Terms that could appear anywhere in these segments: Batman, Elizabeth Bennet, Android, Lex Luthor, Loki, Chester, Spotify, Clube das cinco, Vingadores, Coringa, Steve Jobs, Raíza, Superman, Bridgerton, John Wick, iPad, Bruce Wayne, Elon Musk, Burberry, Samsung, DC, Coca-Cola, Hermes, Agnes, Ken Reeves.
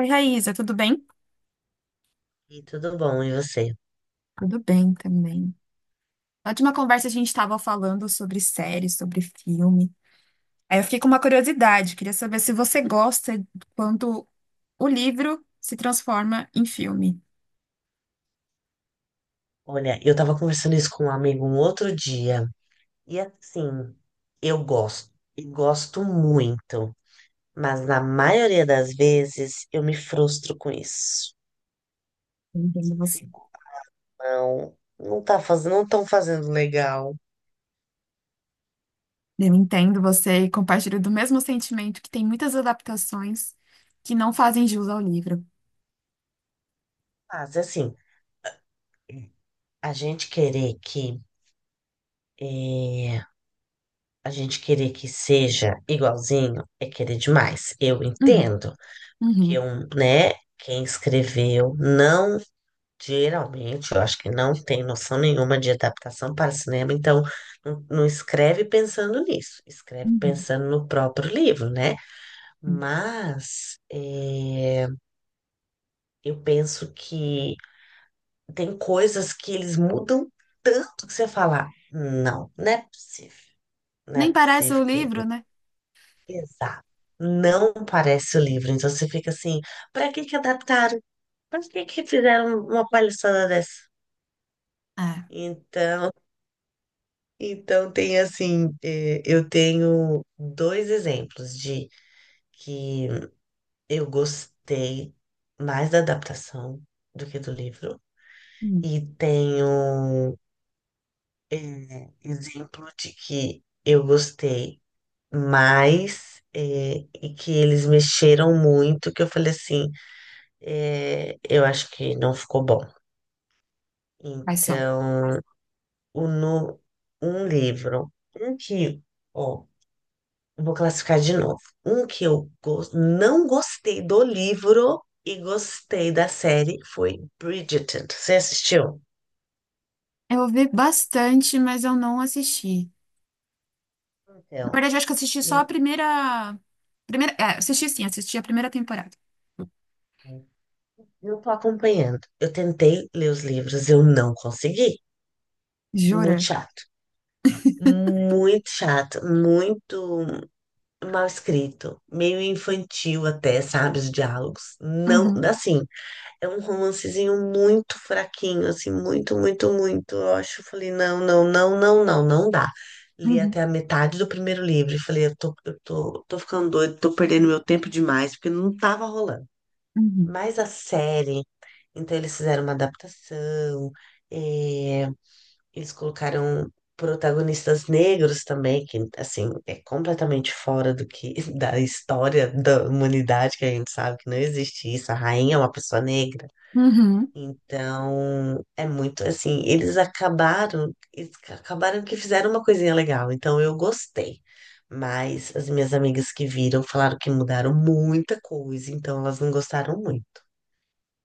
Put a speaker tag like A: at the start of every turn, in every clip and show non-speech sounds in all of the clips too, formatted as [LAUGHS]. A: Oi, Raíza, tudo bem?
B: E tudo bom, e você?
A: Tudo bem também. Na última conversa a gente estava falando sobre séries, sobre filme. Aí eu fiquei com uma curiosidade, queria saber se você gosta quando o livro se transforma em filme.
B: Olha, eu tava conversando isso com um amigo um outro dia, e assim, eu gosto, e gosto muito, mas na maioria das vezes eu me frustro com isso.
A: Eu entendo
B: Eu
A: você.
B: fico, não, não tá fazendo, não estão fazendo legal.
A: Eu entendo você e compartilho do mesmo sentimento que tem muitas adaptações que não fazem jus ao livro.
B: Mas assim, a gente querer que, eh, a gente querer que seja igualzinho é querer demais. Eu
A: Uhum,
B: entendo que
A: uhum,
B: um, né, quem escreveu não. Geralmente, eu acho que não tem noção nenhuma de adaptação para cinema, então não, não escreve pensando nisso, escreve
A: uhum,
B: pensando no próprio livro, né?
A: uhum.
B: Mas eu penso que tem coisas que eles mudam tanto que você fala, não, não é possível, não é
A: Nem parece o
B: possível que.
A: livro, né?
B: Exato. Não parece o livro, então você fica assim, para que que adaptaram? Para que que fizeram uma palhaçada dessa?
A: É,
B: Então. Então, tem assim, eu tenho dois exemplos de que eu gostei mais da adaptação do que do livro,
A: hum,
B: e tenho exemplo de que eu gostei mais, e que eles mexeram muito, que eu falei assim, eu acho que não ficou bom.
A: quais são?
B: Então, o, no, um livro, um que, ó, eu vou classificar de novo. Um que eu não gostei do livro e gostei da série foi Bridgerton. Você assistiu?
A: Eu ouvi bastante, mas eu não assisti. Na
B: Então,
A: verdade, eu acho que eu assisti só a primeira. Primeira. É, assisti sim, assisti a primeira temporada.
B: então, não tô acompanhando. Eu tentei ler os livros, eu não consegui. Muito
A: Jura?
B: chato. Muito chato, muito mal escrito, meio infantil até, sabe, os diálogos. Não,
A: Uhum,
B: assim, é um romancezinho muito fraquinho, assim, muito, muito, muito. Eu acho, eu falei, não, não, não, não, não, não dá. Li
A: uhum,
B: até a metade do primeiro livro e falei, tô ficando doido, tô perdendo meu tempo demais, porque não tava rolando.
A: uhum,
B: Mas a série, então eles fizeram uma adaptação, eh, eles colocaram protagonistas negros também, que, assim, é completamente fora do que, [LAUGHS] da história da humanidade, que a gente sabe que não existe isso. A rainha é uma pessoa negra.
A: uhum.
B: Então, é muito assim, eles acabaram que fizeram uma coisinha legal, então eu gostei. Mas as minhas amigas que viram falaram que mudaram muita coisa, então elas não gostaram muito.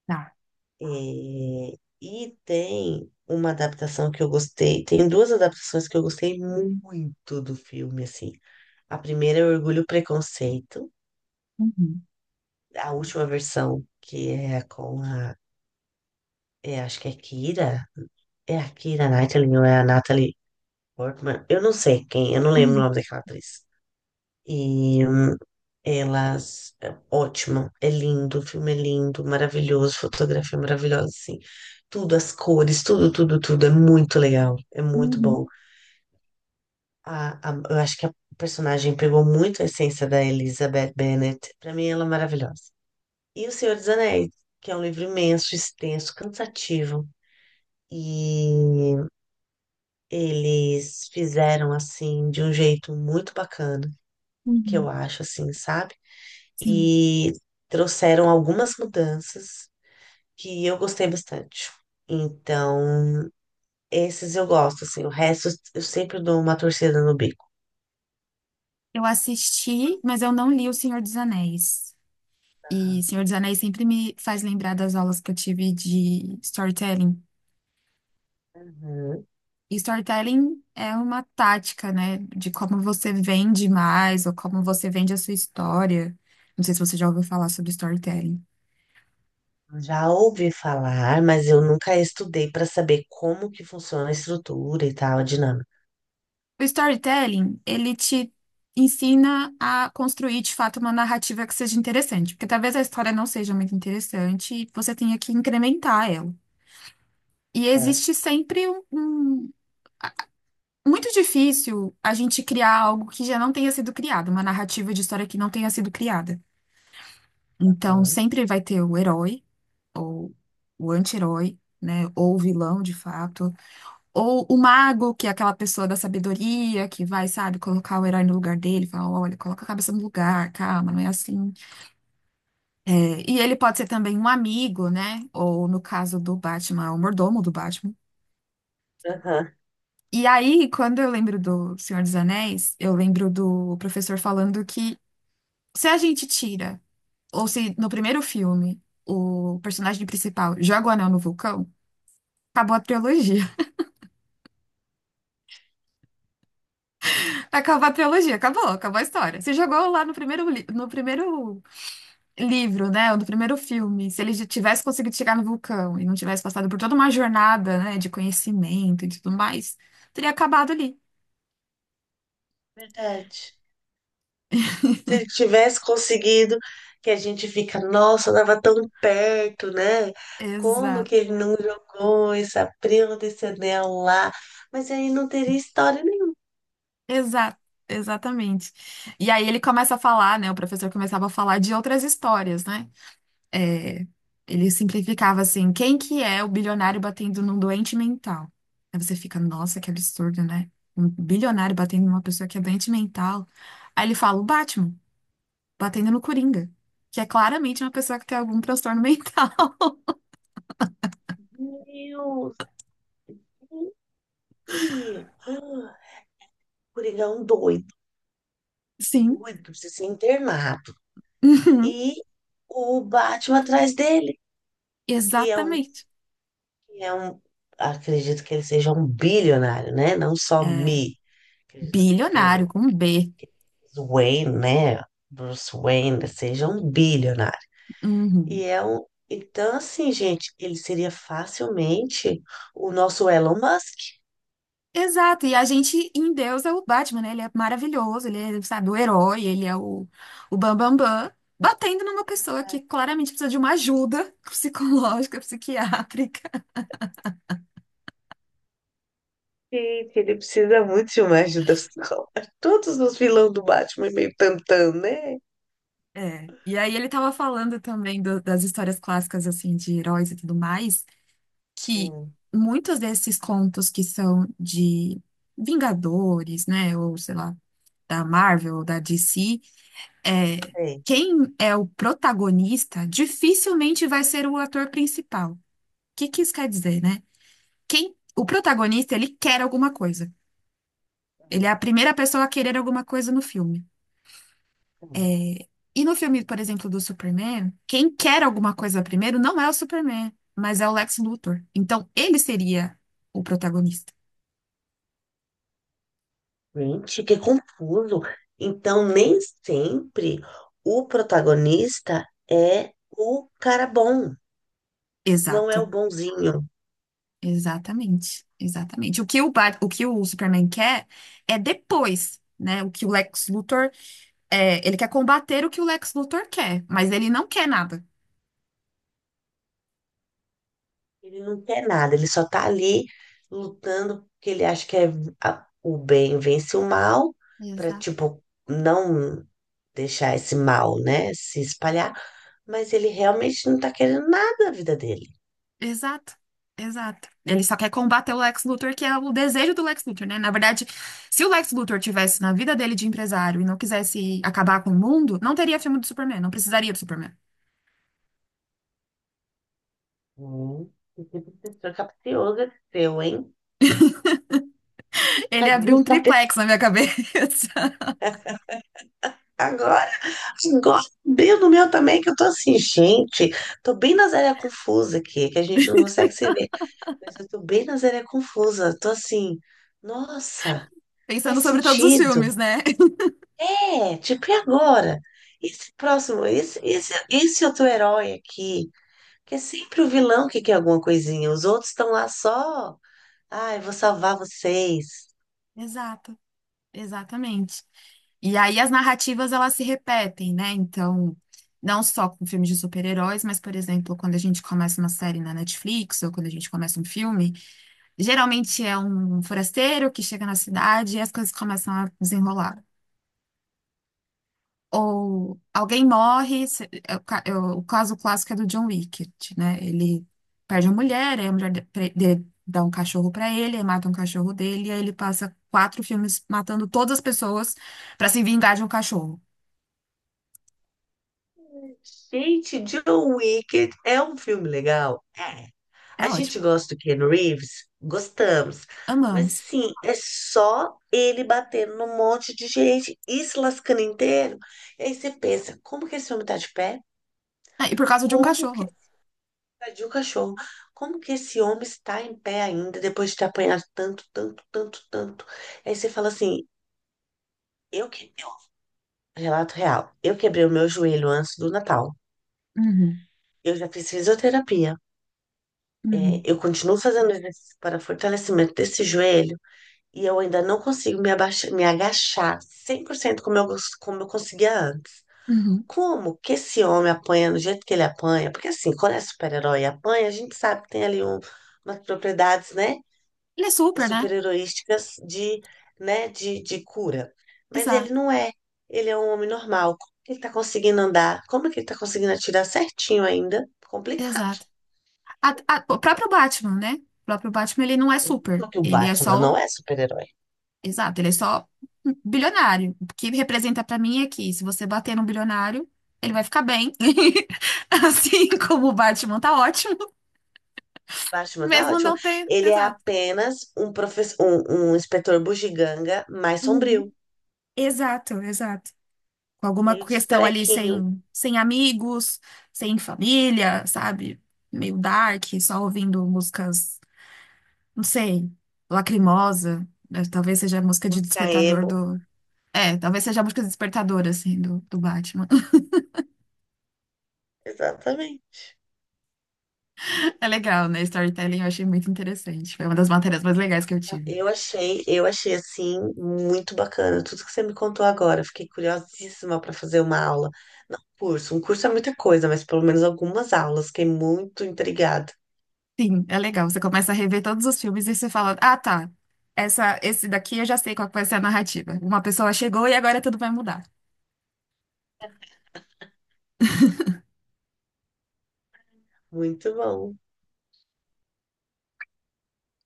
A: Tá.
B: É. E tem uma adaptação que eu gostei, tem duas adaptações que eu gostei muito do filme, assim. A primeira é Orgulho e Preconceito,
A: Uhum.
B: a última versão, que é com a, é, acho que é Kira, é a Kira Knightley ou é a Natalie Portman, eu não sei quem, eu não lembro o
A: Uhum,
B: nome daquela atriz. E elas, é ótimo, é lindo, o filme é lindo, maravilhoso, fotografia maravilhosa, assim. Tudo, as cores, tudo, tudo, tudo, é muito legal, é muito
A: uhum,
B: bom. A, eu acho que a personagem pegou muito a essência da Elizabeth Bennet, pra mim ela é maravilhosa. E O Senhor dos Anéis, que é um livro imenso, extenso, cansativo. E eles fizeram assim de um jeito muito bacana que eu
A: uhum.
B: acho, assim, sabe?
A: Sim,
B: E trouxeram algumas mudanças que eu gostei bastante. Então, esses eu gosto, assim, o resto eu sempre dou uma torcida no bico.
A: eu assisti, mas eu não li O Senhor dos Anéis. E
B: Aham.
A: Senhor dos Anéis sempre me faz lembrar das aulas que eu tive de storytelling.
B: Uhum.
A: E storytelling é uma tática, né, de como você vende mais ou como você vende a sua história. Não sei se você já ouviu falar sobre storytelling.
B: Já ouvi falar, mas eu nunca estudei para saber como que funciona a estrutura e tal, a dinâmica.
A: O storytelling, ele te ensina a construir de fato uma narrativa que seja interessante, porque talvez a história não seja muito interessante e você tenha que incrementar ela. E
B: Aham.
A: existe sempre um. Muito difícil a gente criar algo que já não tenha sido criado, uma narrativa de história que não tenha sido criada. Então, sempre vai ter o herói, ou o anti-herói, né? Ou o vilão, de fato. Ou o mago, que é aquela pessoa da sabedoria, que vai, sabe, colocar o herói no lugar dele, fala, olha, coloca a cabeça no lugar, calma, não é assim. É, e ele pode ser também um amigo, né? Ou no caso do Batman, o mordomo do Batman.
B: Aham.
A: E aí, quando eu lembro do Senhor dos Anéis, eu lembro do professor falando que se a gente tira, ou se no primeiro filme, o personagem principal joga o anel no vulcão, acabou a trilogia. [LAUGHS] Acabou a trilogia, acabou, acabou a história. Você jogou lá no primeiro, no primeiro livro, né? Ou do primeiro filme, se ele já tivesse conseguido chegar no vulcão e não tivesse passado por toda uma jornada, né, de conhecimento e tudo mais, teria acabado ali.
B: Verdade. Se ele tivesse conseguido, que a gente fica, nossa, estava tão perto, né? Como
A: Exato,
B: que ele não jogou essa prima desse anel lá? Mas aí não teria história nenhuma.
A: exato, exatamente. E aí ele começa a falar, né? O professor começava a falar de outras histórias, né? É, ele simplificava assim: quem que é o bilionário batendo num doente mental? Aí você fica, nossa, que absurdo, né? Um bilionário batendo numa pessoa que é doente mental. Aí ele fala, o Batman batendo no Coringa, que é claramente uma pessoa que tem algum transtorno mental.
B: Meu Deus! E... Ah, Coringão doido,
A: [LAUGHS] Sim,
B: doido, precisa ser internado.
A: uhum,
B: E o Batman atrás dele, que é um,
A: exatamente.
B: que é um, acredito que ele seja um bilionário, né? Não só
A: É,
B: me, acredito que
A: bilionário,
B: pelo
A: com B.
B: Wayne, né? Bruce Wayne, seja um bilionário. E
A: Uhum.
B: é um... Então, assim, gente, ele seria facilmente o nosso Elon Musk.
A: Exato, e a gente em Deus é o Batman, né? Ele é maravilhoso, ele é, sabe, o herói, ele é o bam, bam, bam, batendo numa pessoa que
B: Exato.
A: claramente precisa de uma ajuda psicológica, [LAUGHS] psiquiátrica.
B: Gente, ele precisa muito de uma ajuda psicológica. [LAUGHS] Todos os vilões do Batman é meio tantão, né?
A: É. E aí ele tava falando também das histórias clássicas, assim, de heróis e tudo mais, que
B: Hum,
A: muitos desses contos que são de Vingadores, né, ou sei lá, da Marvel ou da DC, é,
B: sei.
A: quem é o protagonista dificilmente vai ser o ator principal. O Que que isso quer dizer, né? Quem, o protagonista, ele quer alguma coisa. Ele
B: Hum,
A: é a primeira pessoa a querer alguma coisa no filme.
B: hum.
A: É, e no filme, por exemplo, do Superman, quem quer alguma coisa primeiro não é o Superman, mas é o Lex Luthor. Então, ele seria o protagonista.
B: Gente, que confuso. Então, nem sempre o protagonista é o cara bom, não é o
A: Exato.
B: bonzinho.
A: Exatamente, exatamente. O que o que o Superman quer é depois, né? O que o Lex Luthor é, ele quer combater o que o Lex Luthor quer, mas ele não quer nada.
B: Ele não quer nada, ele só tá ali lutando porque ele acha que é o bem vence o mal, pra,
A: Exato.
B: tipo, não deixar esse mal, né, se espalhar, mas ele realmente não tá querendo nada da vida dele.
A: Exato, exato. Ele só quer combater o Lex Luthor, que é o desejo do Lex Luthor, né? Na verdade, se o Lex Luthor tivesse na vida dele de empresário e não quisesse acabar com o mundo, não teria filme do Superman, não precisaria do Superman.
B: Hum, que tipo de pessoa capciosa que seu, hein?
A: Ele
B: Fazer
A: abriu um
B: isso pra pessoa
A: triplex na minha cabeça, [LAUGHS]
B: agora, agora, bem no meu também, que eu tô assim, gente, tô bem na zéia confusa aqui, que a gente não consegue se ver. Mas eu tô bem na Zélia Confusa. Tô assim, nossa,
A: pensando
B: faz
A: sobre todos os
B: sentido.
A: filmes, né? [LAUGHS]
B: É, tipo, e agora? Esse próximo, esse outro herói aqui, que é sempre o vilão que quer alguma coisinha. Os outros estão lá só, ai, vou salvar vocês.
A: Exato. Exatamente. E aí as narrativas elas se repetem, né? Então, não só com filmes de super-heróis, mas, por exemplo, quando a gente começa uma série na Netflix ou quando a gente começa um filme, geralmente é um forasteiro que chega na cidade e as coisas começam a desenrolar. Ou alguém morre, é o é o caso clássico é do John Wick, né? Ele perde a mulher, aí a mulher dá um cachorro pra ele, aí mata um cachorro dele, e aí ele passa quatro filmes matando todas as pessoas pra se vingar de um cachorro.
B: Gente, John Wick é um filme legal? É.
A: É
B: A
A: ótimo.
B: gente gosta do Ken Reeves? Gostamos. Mas,
A: Amamos.
B: sim, é só ele batendo num monte de gente e se lascando inteiro. E aí você pensa, como que esse homem tá de pé?
A: Ah, e por causa de um
B: Como que
A: cachorro.
B: ele invadiu o cachorro? Como que esse homem está em pé ainda depois de ter apanhado tanto, tanto, tanto, tanto? Aí você fala assim, eu que... Relato real, eu quebrei o meu joelho antes do Natal.
A: Uhum,
B: Eu já fiz fisioterapia.
A: uhum,
B: Eu continuo fazendo exercício para fortalecimento desse joelho e eu ainda não consigo me abaixar, me agachar 100% como eu, como eu conseguia antes.
A: uhum.
B: Como que esse homem apanha do jeito que ele apanha? Porque assim, quando é super-herói e apanha, a gente sabe que tem ali umas propriedades, né,
A: Ele é super, né?
B: super-heroísticas de, né, de cura. Mas
A: Exato,
B: ele não é. Ele é um homem normal. Como que ele tá conseguindo andar? Como que ele tá conseguindo atirar certinho ainda? Complicado.
A: exato. O próprio Batman, né? O próprio Batman, ele não é super.
B: Eu que o
A: Ele é
B: Batman
A: só
B: não é super-herói.
A: Exato, ele é só um bilionário. O que representa pra mim é que se você bater num bilionário, ele vai ficar bem. [LAUGHS] Assim como o Batman tá ótimo,
B: Batman tá
A: mesmo
B: ótimo.
A: não ter.
B: Ele é
A: Exato.
B: apenas um professor, um inspetor bugiganga mais
A: Uhum.
B: sombrio,
A: Exato, exato. Com alguma
B: cheio de
A: questão ali
B: trequinho,
A: sem amigos, sem família, sabe? Meio dark, só ouvindo músicas, não sei, lacrimosa. Né? Talvez seja a música de despertador
B: caemo.
A: do. É, talvez seja a música despertadora, assim, do Batman.
B: Exatamente.
A: É legal, né? Storytelling eu achei muito interessante. Foi uma das matérias mais legais que eu tive.
B: Eu achei assim muito bacana tudo que você me contou agora. Eu fiquei curiosíssima para fazer uma aula. Não, curso, um curso é muita coisa, mas pelo menos algumas aulas. Fiquei muito intrigada.
A: Sim, é legal. Você começa a rever todos os filmes e você fala: Ah, tá. Esse daqui eu já sei qual que vai ser a narrativa. Uma pessoa chegou e agora tudo vai mudar.
B: Muito bom.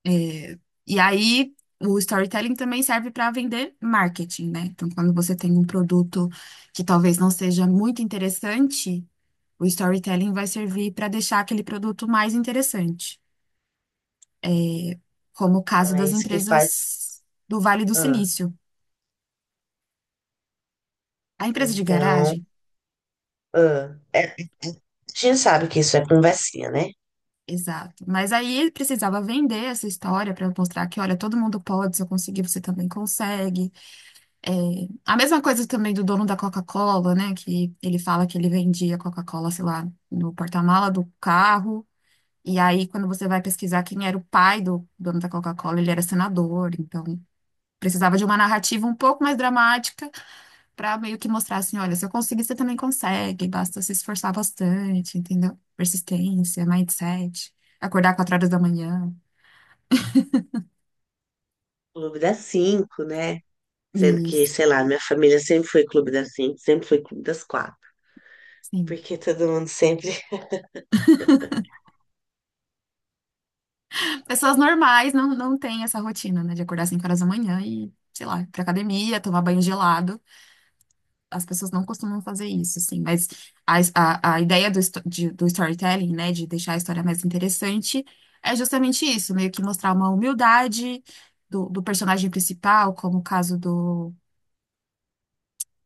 A: É, e aí, o storytelling também serve para vender marketing, né? Então, quando você tem um produto que talvez não seja muito interessante, o storytelling vai servir para deixar aquele produto mais interessante, como o caso
B: Então é
A: das
B: isso que faz.
A: empresas do Vale do
B: Ah,
A: Silício. A empresa de
B: então,
A: garagem?
B: ah, a gente sabe que isso é conversinha, né?
A: Exato. Mas aí ele precisava vender essa história para mostrar que, olha, todo mundo pode, se eu conseguir, você também consegue. É, a mesma coisa também do dono da Coca-Cola, né? Que ele fala que ele vendia Coca-Cola, sei lá, no porta-mala do carro. E aí, quando você vai pesquisar quem era o pai do dono da Coca-Cola, ele era senador. Então, precisava de uma narrativa um pouco mais dramática pra meio que mostrar assim, olha, se eu conseguir, você também consegue, basta se esforçar bastante, entendeu? Persistência, mindset, acordar 4 horas da manhã.
B: Clube das cinco, né? Sendo que,
A: Isso,
B: sei lá, minha família sempre foi Clube das cinco, sempre foi Clube das quatro.
A: sim.
B: Porque todo mundo sempre. [LAUGHS]
A: Pessoas normais não têm essa rotina, né, de acordar 5 horas da manhã e, sei lá, ir pra academia, tomar banho gelado. As pessoas não costumam fazer isso, assim, mas a ideia do, do storytelling, né, de deixar a história mais interessante, é justamente isso, meio que mostrar uma humildade do personagem principal, como o caso do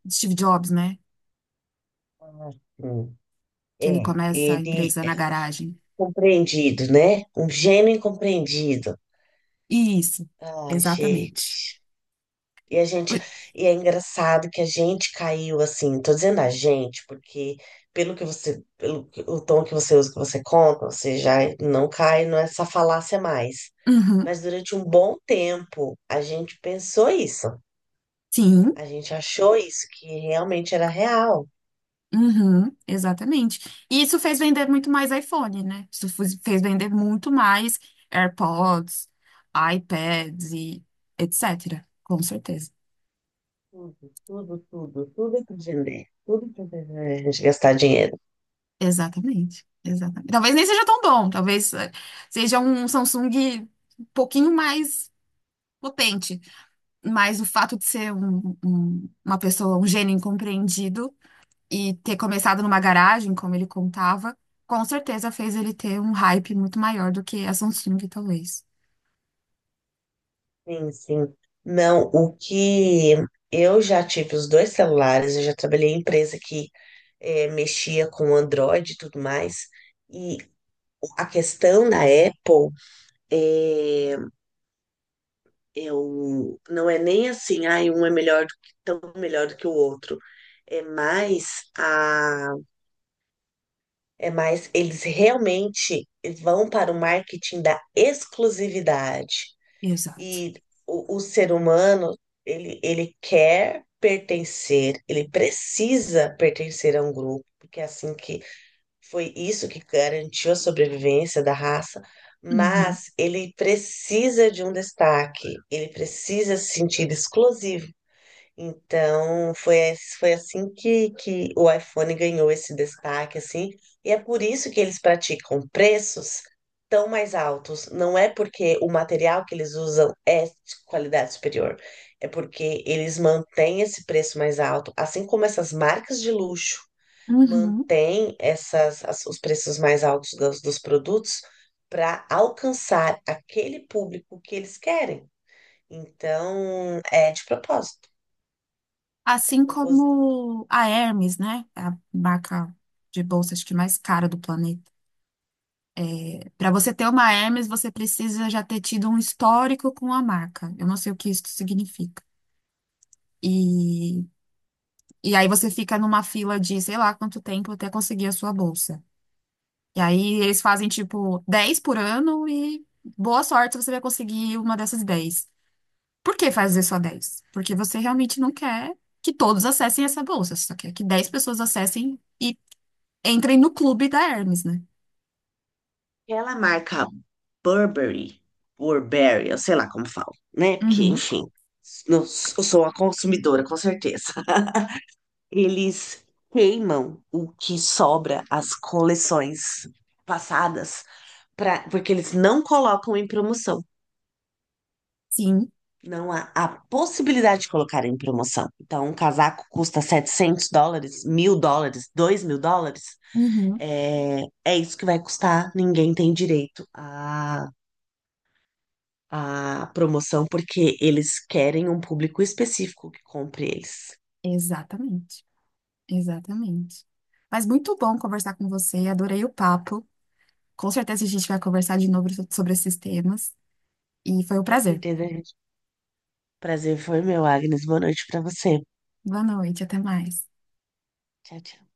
A: de Steve Jobs, né?
B: Ah, sim.
A: Que ele
B: É,
A: começa a
B: ele
A: empresa
B: é
A: na garagem.
B: compreendido, né? Um gênio incompreendido.
A: Isso,
B: Ai,
A: exatamente.
B: gente. E a gente,
A: Ui,
B: e é engraçado que a gente caiu assim, tô dizendo a gente, porque pelo que você, pelo que- o tom que você usa, que você conta, você já não cai nessa falácia mais.
A: uhum,
B: Mas durante um bom tempo, a gente pensou isso.
A: sim,
B: A gente achou isso, que realmente era real.
A: uhum, exatamente. E isso fez vender muito mais iPhone, né? Fez vender muito mais AirPods, iPads e etc. Com certeza.
B: Tudo, tudo, tudo, tudo que vender, a gente gastar dinheiro.
A: Exatamente, exatamente. Talvez nem seja tão bom, talvez seja um Samsung um pouquinho mais potente, mas o fato de ser uma pessoa, um gênio incompreendido, e ter começado numa garagem, como ele contava, com certeza fez ele ter um hype muito maior do que a Samsung, talvez.
B: Sim, sim. Não, o que eu já tive os dois celulares, eu já trabalhei em empresa que mexia com Android e tudo mais. E a questão da Apple é, eu, não é nem assim, ai, um é melhor do que, tão melhor do que o outro. É mais a É mais, eles realmente vão para o marketing da exclusividade.
A: Exato.
B: E o ser humano, ele quer pertencer, ele precisa pertencer a um grupo, porque é assim que foi isso que garantiu a sobrevivência da raça,
A: Uhum.
B: mas ele precisa de um destaque, ele precisa se sentir exclusivo. Então, foi, foi assim que o iPhone ganhou esse destaque, assim, e é por isso que eles praticam preços tão mais altos. Não é porque o material que eles usam é de qualidade superior, é porque eles mantêm esse preço mais alto, assim como essas marcas de luxo
A: Uhum.
B: mantêm os preços mais altos dos produtos para alcançar aquele público que eles querem. Então, é de propósito.
A: Assim como a Hermes, né? É a marca de bolsa, acho que mais cara do planeta. Para você ter uma Hermes, você precisa já ter tido um histórico com a marca. Eu não sei o que isso significa. E, e aí você fica numa fila de sei lá quanto tempo até conseguir a sua bolsa. E aí eles fazem tipo 10 por ano e boa sorte você vai conseguir uma dessas 10. Por que fazer só 10? Porque você realmente não quer que todos acessem essa bolsa, você só quer que 10 pessoas acessem e entrem no clube da Hermes, né?
B: Aquela marca Burberry, Burberry, eu sei lá como falo, né? Porque,
A: Uhum,
B: enfim, eu sou uma consumidora, com certeza. [LAUGHS] Eles queimam o que sobra as coleções passadas, pra, porque eles não colocam em promoção.
A: sim,
B: Não há a possibilidade de colocar em promoção. Então, um casaco custa US$ 700, US$ 1.000, US$ 2.000.
A: uhum,
B: É, é isso que vai custar. Ninguém tem direito a promoção porque eles querem um público específico que compre eles.
A: exatamente, exatamente. Mas muito bom conversar com você, adorei o papo. Com certeza a gente vai conversar de novo sobre esses temas. E foi um
B: Com
A: prazer.
B: certeza, gente. Prazer foi meu, Agnes. Boa noite pra você.
A: Boa noite, até mais.
B: Tchau, tchau.